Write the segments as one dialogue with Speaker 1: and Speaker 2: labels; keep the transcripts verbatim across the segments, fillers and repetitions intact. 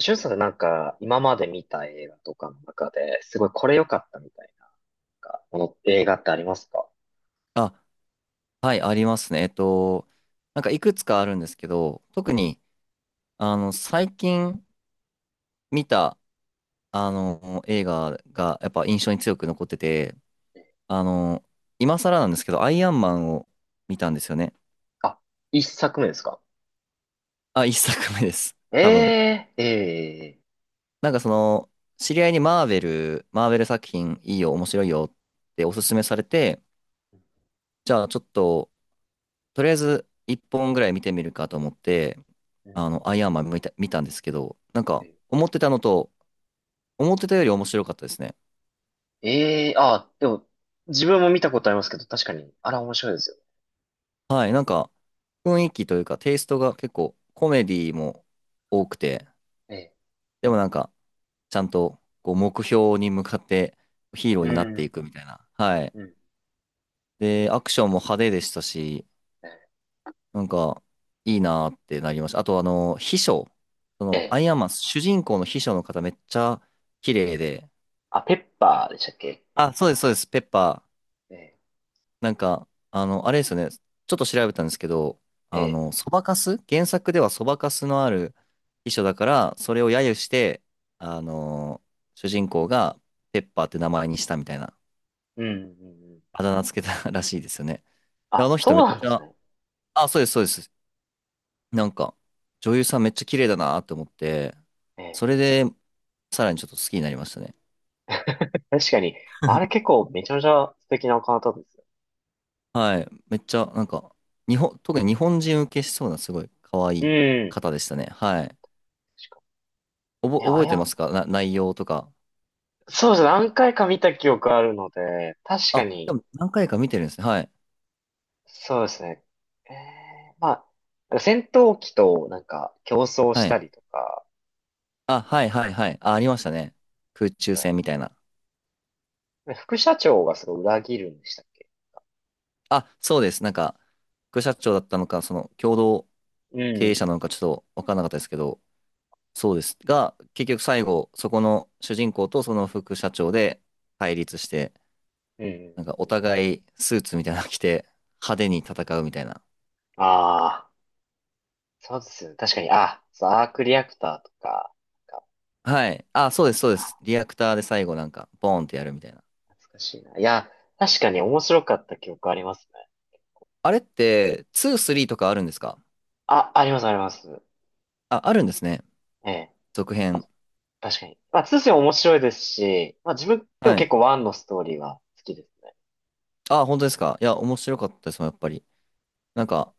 Speaker 1: しゅんさんってなんか、今まで見た映画とかの中で、すごいこれ良かったみたいな、なんか、この映画ってありますか？
Speaker 2: あ、はい、ありますね。えっと、なんかいくつかあるんですけど、特に、あの、最近見た、あの、映画がやっぱ印象に強く残ってて、あの、今更なんですけど、アイアンマンを見たんですよね。
Speaker 1: あ、一作目ですか？
Speaker 2: あ、一作目です。多分。
Speaker 1: えー、え
Speaker 2: なんかその、知り合いにマーベル、マーベル作品いいよ、面白いよっておすすめされて、
Speaker 1: ー、
Speaker 2: じゃあちょっと、とりあえず一本ぐらい見てみるかと思って、
Speaker 1: う
Speaker 2: あ
Speaker 1: ん。
Speaker 2: の、アイアンマン見た、見たんですけど、なんか、
Speaker 1: え
Speaker 2: 思ってたのと、思ってたより面白かったですね。
Speaker 1: ー、えー、あ、でも、自分も見たことありますけど、確かに、あれ面白いですよ。
Speaker 2: はい、なんか、雰囲気というか、テイストが結構、コメディも多くて、
Speaker 1: え
Speaker 2: でもなんか、ちゃんと、こう、目標に向かって、ヒーロー
Speaker 1: ー、う
Speaker 2: になってい
Speaker 1: ん、
Speaker 2: くみたいな。はい。
Speaker 1: うん、
Speaker 2: で、アクションも派手でしたし、
Speaker 1: え
Speaker 2: なんか、いいなーってなりました。あと、あの、秘書、そ
Speaker 1: ー、え
Speaker 2: の、ア
Speaker 1: ー
Speaker 2: イアンマン、主人公の秘書の方、めっちゃ、綺麗で、
Speaker 1: あ、ペッパーでしたっけ？
Speaker 2: あ、そうです、そうです、ペッパー。
Speaker 1: え
Speaker 2: なんか、あの、あれですよね。ちょっと調べたんですけど、
Speaker 1: ー、
Speaker 2: あ
Speaker 1: え
Speaker 2: の、そばかす原作ではそばかすのある秘書だから、それを揶揄して、あの、主人公がペッパーって名前にしたみたいな、
Speaker 1: ー、うん、うんうん、
Speaker 2: あだ名つけた らしいですよね。であ
Speaker 1: あ、
Speaker 2: の人
Speaker 1: そう
Speaker 2: めっ
Speaker 1: なんで
Speaker 2: ち
Speaker 1: す
Speaker 2: ゃ、
Speaker 1: ね。
Speaker 2: あ、そうです、そうです。なんか、女優さんめっちゃ綺麗だなって思って、
Speaker 1: え
Speaker 2: それで、さらにちょっと好きになりましたね。
Speaker 1: ー、確かに、あれ 結構めちゃめちゃ素敵なお方ですよ。
Speaker 2: はい。めっちゃ、なんか、日本、特に日本人受けしそうな、すごい可愛
Speaker 1: う
Speaker 2: い
Speaker 1: ん。
Speaker 2: 方でしたね。はい。
Speaker 1: 確か
Speaker 2: おぼ、
Speaker 1: にね、あ
Speaker 2: 覚えてま
Speaker 1: や
Speaker 2: すかな、内容とか？
Speaker 1: そうですね。何回か見た記憶あるので、確か
Speaker 2: あ、で
Speaker 1: に、
Speaker 2: も何回か見てるんですね。はい。
Speaker 1: そうですね。えー、まあ、なんか戦闘機となんか競争し
Speaker 2: は
Speaker 1: た
Speaker 2: い。
Speaker 1: りとか、
Speaker 2: あ、はいはいはい。あ、あり
Speaker 1: あ
Speaker 2: ま
Speaker 1: り
Speaker 2: した
Speaker 1: ます
Speaker 2: ね。空中
Speaker 1: ね。
Speaker 2: 戦みたいな。
Speaker 1: で副社長がすごい裏切るんでしたっけ？
Speaker 2: あ、そうです。なんか、副社長だったのか、その共同
Speaker 1: う
Speaker 2: 経営者
Speaker 1: ん。
Speaker 2: なのかちょっと分からなかったですけど、そうです。が、結局最後、そこの主人公とその副社長で対立して、
Speaker 1: うん。
Speaker 2: なんか
Speaker 1: う
Speaker 2: お
Speaker 1: ん。
Speaker 2: 互いスーツみたいなの着て派手に戦うみたいな。
Speaker 1: ああー、そうですよね。確かに、あ、そうアークリアクターとか、なんか
Speaker 2: はい。あ、そうです、そうです。リアクターで最後なんか、ボーンってやるみたいな。
Speaker 1: 懐かしいな。いや、確かに面白かった記憶ありますね。
Speaker 2: あれって、に、さんとかあるんですか？
Speaker 1: あ、あります、あります。
Speaker 2: あ、あるんですね。
Speaker 1: ええ、
Speaker 2: 続編。
Speaker 1: 確かに。まあ、にも面白いですし、まあ自分でも
Speaker 2: は
Speaker 1: 結
Speaker 2: い。
Speaker 1: 構いちのストーリーは好きですね。
Speaker 2: あ、本当ですか。いや、面白かったですもん、やっぱり。なんか、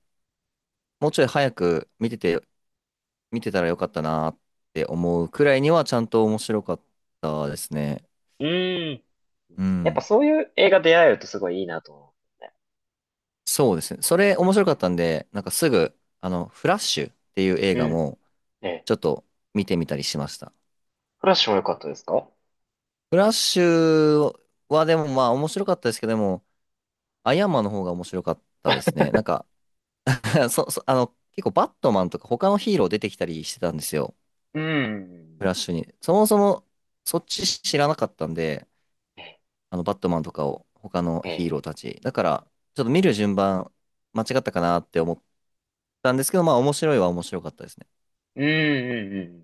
Speaker 2: もうちょい早く見てて、見てたらよかったなーって思うくらいには、ちゃんと面白かったですね。
Speaker 1: うーん。
Speaker 2: う
Speaker 1: やっぱ
Speaker 2: ん。
Speaker 1: そういう映画出会えるとすごいいいなと思うね。
Speaker 2: そうですね。それ、面白かったんで、なんかすぐ、あの、フラッシュっていう映
Speaker 1: う
Speaker 2: 画
Speaker 1: ん。
Speaker 2: も、
Speaker 1: ええ。
Speaker 2: ちょっと見てみたりしました。
Speaker 1: フラッシュも良かったですか？
Speaker 2: フラッシュは、でもまあ、面白かったですけども、アイアンマンの方が面白かったですね。なんか そ、そ、あの、結構バットマンとか他のヒーロー出てきたりしてたんですよ。
Speaker 1: うん。
Speaker 2: フラッシュに。そもそも、そっち知らなかったんで、あの、バットマンとかを、他の
Speaker 1: え
Speaker 2: ヒーロー
Speaker 1: え。
Speaker 2: たち。だから、ちょっと見る順番、間違ったかなって思ったんですけど、まあ、面白いは面白かったですね。
Speaker 1: うんうんうん。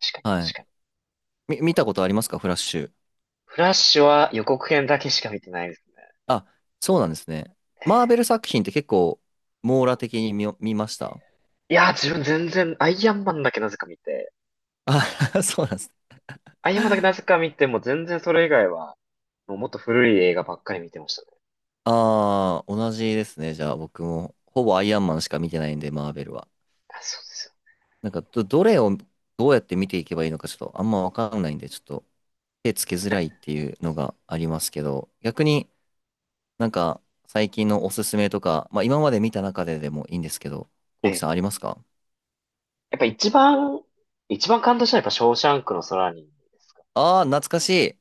Speaker 1: 確かに
Speaker 2: は
Speaker 1: 確
Speaker 2: い。
Speaker 1: かに。
Speaker 2: み、見たことありますか、フラッシュ？
Speaker 1: フラッシュは予告編だけしか見てないですね。
Speaker 2: あ、そうなんですね。マーベル作品って結構、網羅的に見見ました？
Speaker 1: いやー、自分全然、アイアンマンだけなぜか見て、
Speaker 2: あ、そうなんですね。
Speaker 1: アイアンマンだけなぜか見て、もう全然それ以外は、もうもっと古い映画ばっかり見てましたね。
Speaker 2: ああ、同じですね。じゃあ、僕も、ほぼアイアンマンしか見てないんで、マーベルは。
Speaker 1: あ、そうです
Speaker 2: なんかど、どれをどうやって見ていけばいいのか、ちょっとあんまわかんないんで、ちょっと手つけづ
Speaker 1: よ
Speaker 2: ら
Speaker 1: ね。
Speaker 2: いっていうのがありますけど、逆になんか最近のおすすめとか、まあ今まで見た中ででもいいんですけど、
Speaker 1: え
Speaker 2: こうきさ
Speaker 1: え。
Speaker 2: んありますか？
Speaker 1: やっぱ一番、一番感動したのはやっぱショーシャンクの空にですかね。
Speaker 2: ああー、懐かしい。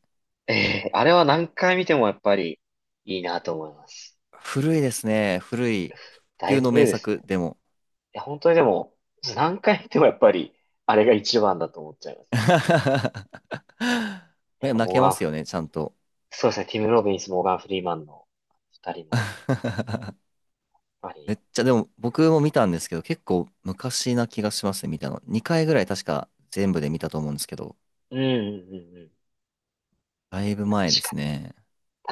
Speaker 1: ええ、あれは何回見てもやっぱりいいなと思います。
Speaker 2: 古いですね。古い。
Speaker 1: だ
Speaker 2: 不
Speaker 1: い
Speaker 2: 朽
Speaker 1: ぶ
Speaker 2: の
Speaker 1: 古
Speaker 2: 名
Speaker 1: いですね。
Speaker 2: 作
Speaker 1: い
Speaker 2: でも。
Speaker 1: や、本当にでも、何回見てもやっぱり、あれが一番だと思っちゃいますね。やっ
Speaker 2: ね、
Speaker 1: ぱ
Speaker 2: 泣
Speaker 1: モー
Speaker 2: け
Speaker 1: ガ
Speaker 2: ま
Speaker 1: ン
Speaker 2: す
Speaker 1: フ
Speaker 2: よ
Speaker 1: リ
Speaker 2: ね、
Speaker 1: ー
Speaker 2: ち
Speaker 1: マン。
Speaker 2: ゃんと。
Speaker 1: そうですね、ティム・ロビンス、モーガン・フリーマンの二人も、やっぱ
Speaker 2: め
Speaker 1: り、
Speaker 2: っちゃ、でも僕も見たんですけど、結構昔な気がしますね、見たの。にかいぐらい確か全部で見たと思うんですけど、
Speaker 1: うんうんうんうん。
Speaker 2: だいぶ前
Speaker 1: 確
Speaker 2: で
Speaker 1: か
Speaker 2: すね。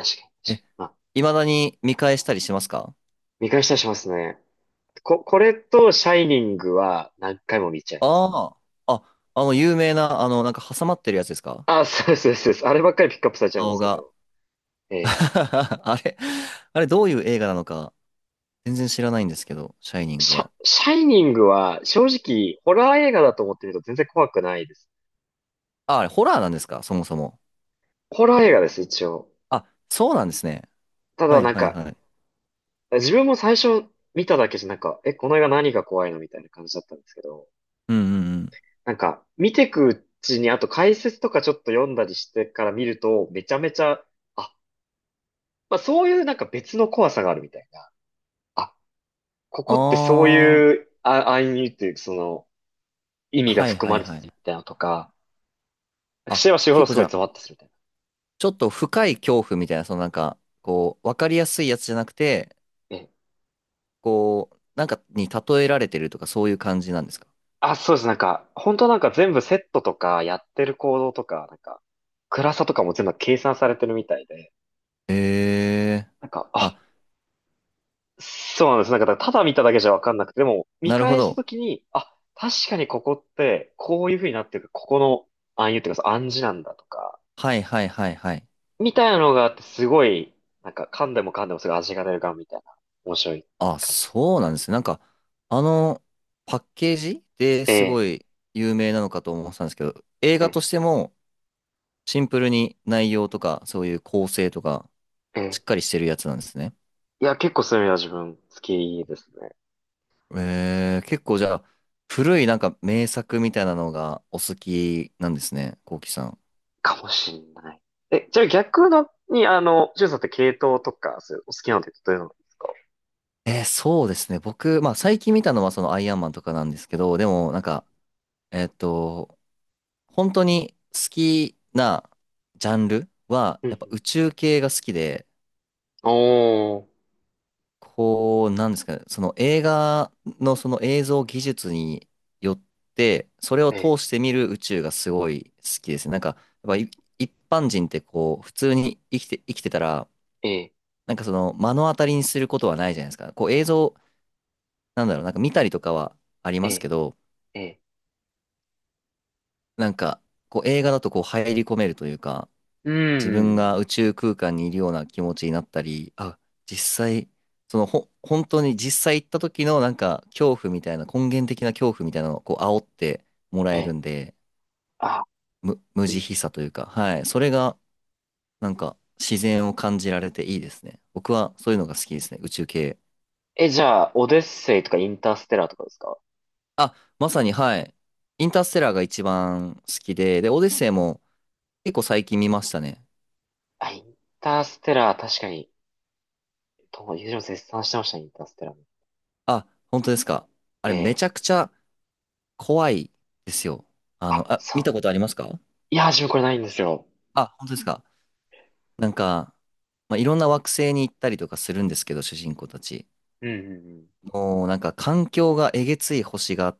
Speaker 1: に、確かに、確か
Speaker 2: え、
Speaker 1: に。まあ、
Speaker 2: 未だに見返したりしますか？
Speaker 1: 見返したりしますね。こ、これと、シャイニングは何回も見ちゃいます。
Speaker 2: ああ、あ、あの、有名な、あの、なんか挟まってるやつですか、
Speaker 1: あ、そうです、そうです。そうですあればっかりピックアップされちゃうんで
Speaker 2: 顔
Speaker 1: すけ
Speaker 2: が？
Speaker 1: ど。え え。
Speaker 2: あれ、あれ、どういう映画なのか、全然知らないんですけど、シャイニング
Speaker 1: シャ、
Speaker 2: は。
Speaker 1: シャイニングは正直ホラー映画だと思ってみると全然怖くないです。
Speaker 2: あ、あれ、ホラーなんですか、そもそも？
Speaker 1: ホラー映画です、一応。
Speaker 2: あ、そうなんですね。
Speaker 1: た
Speaker 2: は
Speaker 1: だ
Speaker 2: い
Speaker 1: なん
Speaker 2: はい
Speaker 1: か、
Speaker 2: はい。
Speaker 1: 自分も最初見ただけじゃなんか、え、この映画何が怖いのみたいな感じだったんですけど、
Speaker 2: うんうんうん。
Speaker 1: なんか、見てくうちに、あと解説とかちょっと読んだりしてから見ると、めちゃめちゃ、あ、まあそういうなんか別の怖さがあるみたいな。あ、ここってそう
Speaker 2: あ
Speaker 1: いうあ暗意味という、その、意
Speaker 2: あ、
Speaker 1: 味が
Speaker 2: はい
Speaker 1: 含
Speaker 2: は
Speaker 1: ま
Speaker 2: い
Speaker 1: れて
Speaker 2: はい。
Speaker 1: るみたいなのとか、
Speaker 2: あ、
Speaker 1: 知れば知るほど
Speaker 2: 結構
Speaker 1: す
Speaker 2: じ
Speaker 1: ご
Speaker 2: ゃ
Speaker 1: い
Speaker 2: あ、
Speaker 1: ゾワッとするみたい
Speaker 2: ちょっと深い恐怖みたいな、そのなんか、こう、わかりやすいやつじゃなくて、
Speaker 1: な。え、
Speaker 2: こう、なんかに例えられてるとか、そういう感じなんですか？
Speaker 1: あ、そうです。なんか、本当なんか全部セットとか、やってる行動とか、なんか、暗さとかも全部計算されてるみたいで、
Speaker 2: へえ。
Speaker 1: なんか、
Speaker 2: あ、
Speaker 1: あ、そうなんです。なんか、ただ見ただけじゃわかんなくて、でも、見
Speaker 2: なるほ
Speaker 1: 返した
Speaker 2: ど。
Speaker 1: ときに、あ、確かにここって、こういう風になってる、ここの暗喩っていうか、暗示なんだとか、
Speaker 2: はいはいはいはい。
Speaker 1: みたいなのがあって、すごい、なんか、噛んでも噛んでもすごい味が出るガンみたいな、面白い
Speaker 2: あ、
Speaker 1: 感じ。
Speaker 2: そうなんですね。なんか、あの、パッケージで
Speaker 1: え
Speaker 2: すご
Speaker 1: え、
Speaker 2: い有名なのかと思ってたんですけど、映
Speaker 1: え
Speaker 2: 画と
Speaker 1: え、
Speaker 2: してもシンプルに内容とか、そういう構成とか、
Speaker 1: え
Speaker 2: しっ
Speaker 1: え。
Speaker 2: かりしてるやつなんですね。
Speaker 1: いや、結構そういうのは自分好きですね。
Speaker 2: えー、結構じゃあ、古いなんか名作みたいなのがお好きなんですね、こうきさん。
Speaker 1: かもしんない。え、じゃあ逆のに、あの、ジュンさんって系統とか、そういうお好きなのってどういうのですか？
Speaker 2: えー、そうですね。僕、まあ最近見たのはそのアイアンマンとかなんですけど、でもなんか、えっと、本当に好きなジャンルは、
Speaker 1: うんう
Speaker 2: やっぱ
Speaker 1: ん、
Speaker 2: 宇宙系が好きで、
Speaker 1: おー、
Speaker 2: こう、なんですかね、その映画のその映像技術によって、それを
Speaker 1: え、
Speaker 2: 通して見る宇宙がすごい好きですね。なんか、やっぱい一般人ってこう、普通に生きて、生きてたら、
Speaker 1: え、
Speaker 2: なんかその目の当たりにすることはないじゃないですか。こう映像、なんだろう、なんか見たりとかはあります
Speaker 1: え、
Speaker 2: けど、
Speaker 1: え、
Speaker 2: なんか、こう映画だとこう入り込めるというか、
Speaker 1: う
Speaker 2: 自分が
Speaker 1: ん、
Speaker 2: 宇宙空間にいるような気持ちになったり、あ、実際、そのほ、本当に実際行った時のなんか恐怖みたいな、根源的な恐怖みたいなのをこう煽ってもらえる
Speaker 1: え、
Speaker 2: んで、
Speaker 1: あ、
Speaker 2: む、無
Speaker 1: いい
Speaker 2: 慈
Speaker 1: で
Speaker 2: 悲
Speaker 1: す。
Speaker 2: さというか、はい、それがなんか自然を感じられていいですね。僕はそういうのが好きですね、宇宙系。
Speaker 1: え、じゃあ、オデッセイとかインターステラーとかですか？
Speaker 2: あ、まさにはい、インターステラーが一番好きで、で、オデッセイも結構最近見ましたね。
Speaker 1: あ、インターステラー、確かに、とも、ゆう絶賛してました、インターステラーも。
Speaker 2: あ、本当ですか。あ
Speaker 1: え
Speaker 2: れめち
Speaker 1: え、
Speaker 2: ゃくちゃ怖いですよ。あ
Speaker 1: あ、
Speaker 2: の、あ、
Speaker 1: そ
Speaker 2: 見たこ
Speaker 1: う。
Speaker 2: とありますか？
Speaker 1: いや、自分これないんですよ。
Speaker 2: あ、本当ですか。なんか、まあ、いろんな惑星に行ったりとかするんですけど、主人公たち。
Speaker 1: うん、うん、
Speaker 2: もうなんか環境がえげつい星が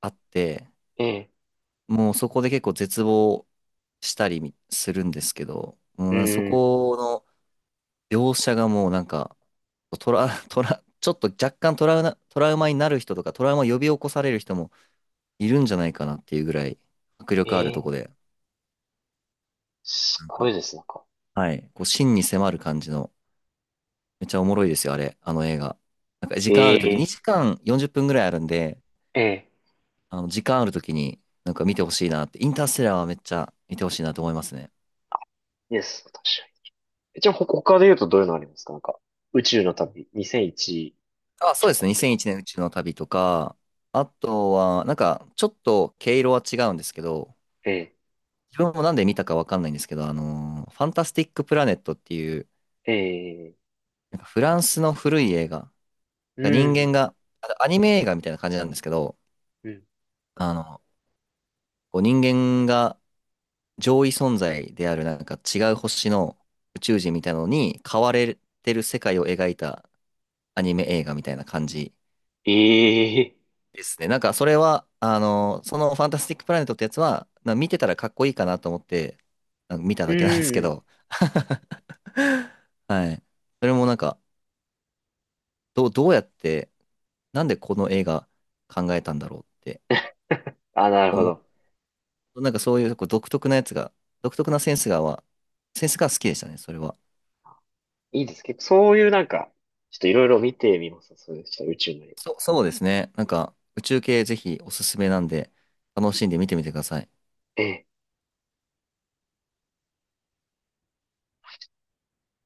Speaker 2: あって、
Speaker 1: うん。ええ、
Speaker 2: もうそこで結構絶望したりみするんですけど、
Speaker 1: う
Speaker 2: うん、そ
Speaker 1: んうん、
Speaker 2: この描写がもうなんか、トラ、トラ、ちょっと若干トラウナ、トラウマになる人とか、トラウマを呼び起こされる人もいるんじゃないかなっていうぐらい迫
Speaker 1: え
Speaker 2: 力あるとこ
Speaker 1: え、
Speaker 2: で、
Speaker 1: す
Speaker 2: なん
Speaker 1: ご
Speaker 2: か、
Speaker 1: いです、なんか。
Speaker 2: はい。こう、真に迫る感じの、めっちゃおもろいですよ、あれ、あの映画。なんか時間あ
Speaker 1: え
Speaker 2: るとき、
Speaker 1: え、
Speaker 2: にじかんよんじゅっぷんぐらいあるんで、
Speaker 1: ええ。
Speaker 2: あの、時間あるときになんか見てほしいなって、インターステラーはめっちゃ見てほしいなと思いますね。
Speaker 1: です。確かに。じゃあ、ほ他で言うとどういうのありますか？なんか、宇宙の旅、にせんいち
Speaker 2: あ、
Speaker 1: 宇
Speaker 2: そ
Speaker 1: 宙
Speaker 2: う
Speaker 1: の
Speaker 2: ですね。
Speaker 1: 旅と
Speaker 2: 2001
Speaker 1: か。
Speaker 2: 年宇宙の旅とか、あとは、なんか、ちょっと毛色は違うんですけど、
Speaker 1: え
Speaker 2: 自分もなんで見たかわかんないんですけど、あのーファンタスティック・プラネットっていう、
Speaker 1: え、ええ、
Speaker 2: なんかフランスの古い映画、
Speaker 1: う
Speaker 2: 人間
Speaker 1: ん、
Speaker 2: が、あアニメ映画みたいな感じなんですけど、
Speaker 1: うん、
Speaker 2: あの、こう人間が上位存在であるなんか違う星の宇宙
Speaker 1: うん、
Speaker 2: 人みたいなのに変われてる世界を描いたアニメ映画みたいな感じ
Speaker 1: ええ、
Speaker 2: ですね。なんかそれは、あの、そのファンタスティックプラネットってやつは、な見てたらかっこいいかなと思って、あの見た
Speaker 1: う
Speaker 2: だけなんですけ
Speaker 1: ん。
Speaker 2: ど。はい。それもなんか、どう、どうやって、なんでこの映画考えたんだろうって
Speaker 1: あ、なるほ
Speaker 2: 思
Speaker 1: ど。
Speaker 2: う。なんかそういうこう独特なやつが、独特なセンスがは、センスが好きでしたね、それは。
Speaker 1: いいです。結構そういうなんか、ちょっといろいろ見てみます。そういうちょっと宇宙の旅。
Speaker 2: そ、そうですね。なんか、宇宙系ぜひおすすめなんで、楽しんで見てみてください。
Speaker 1: ええ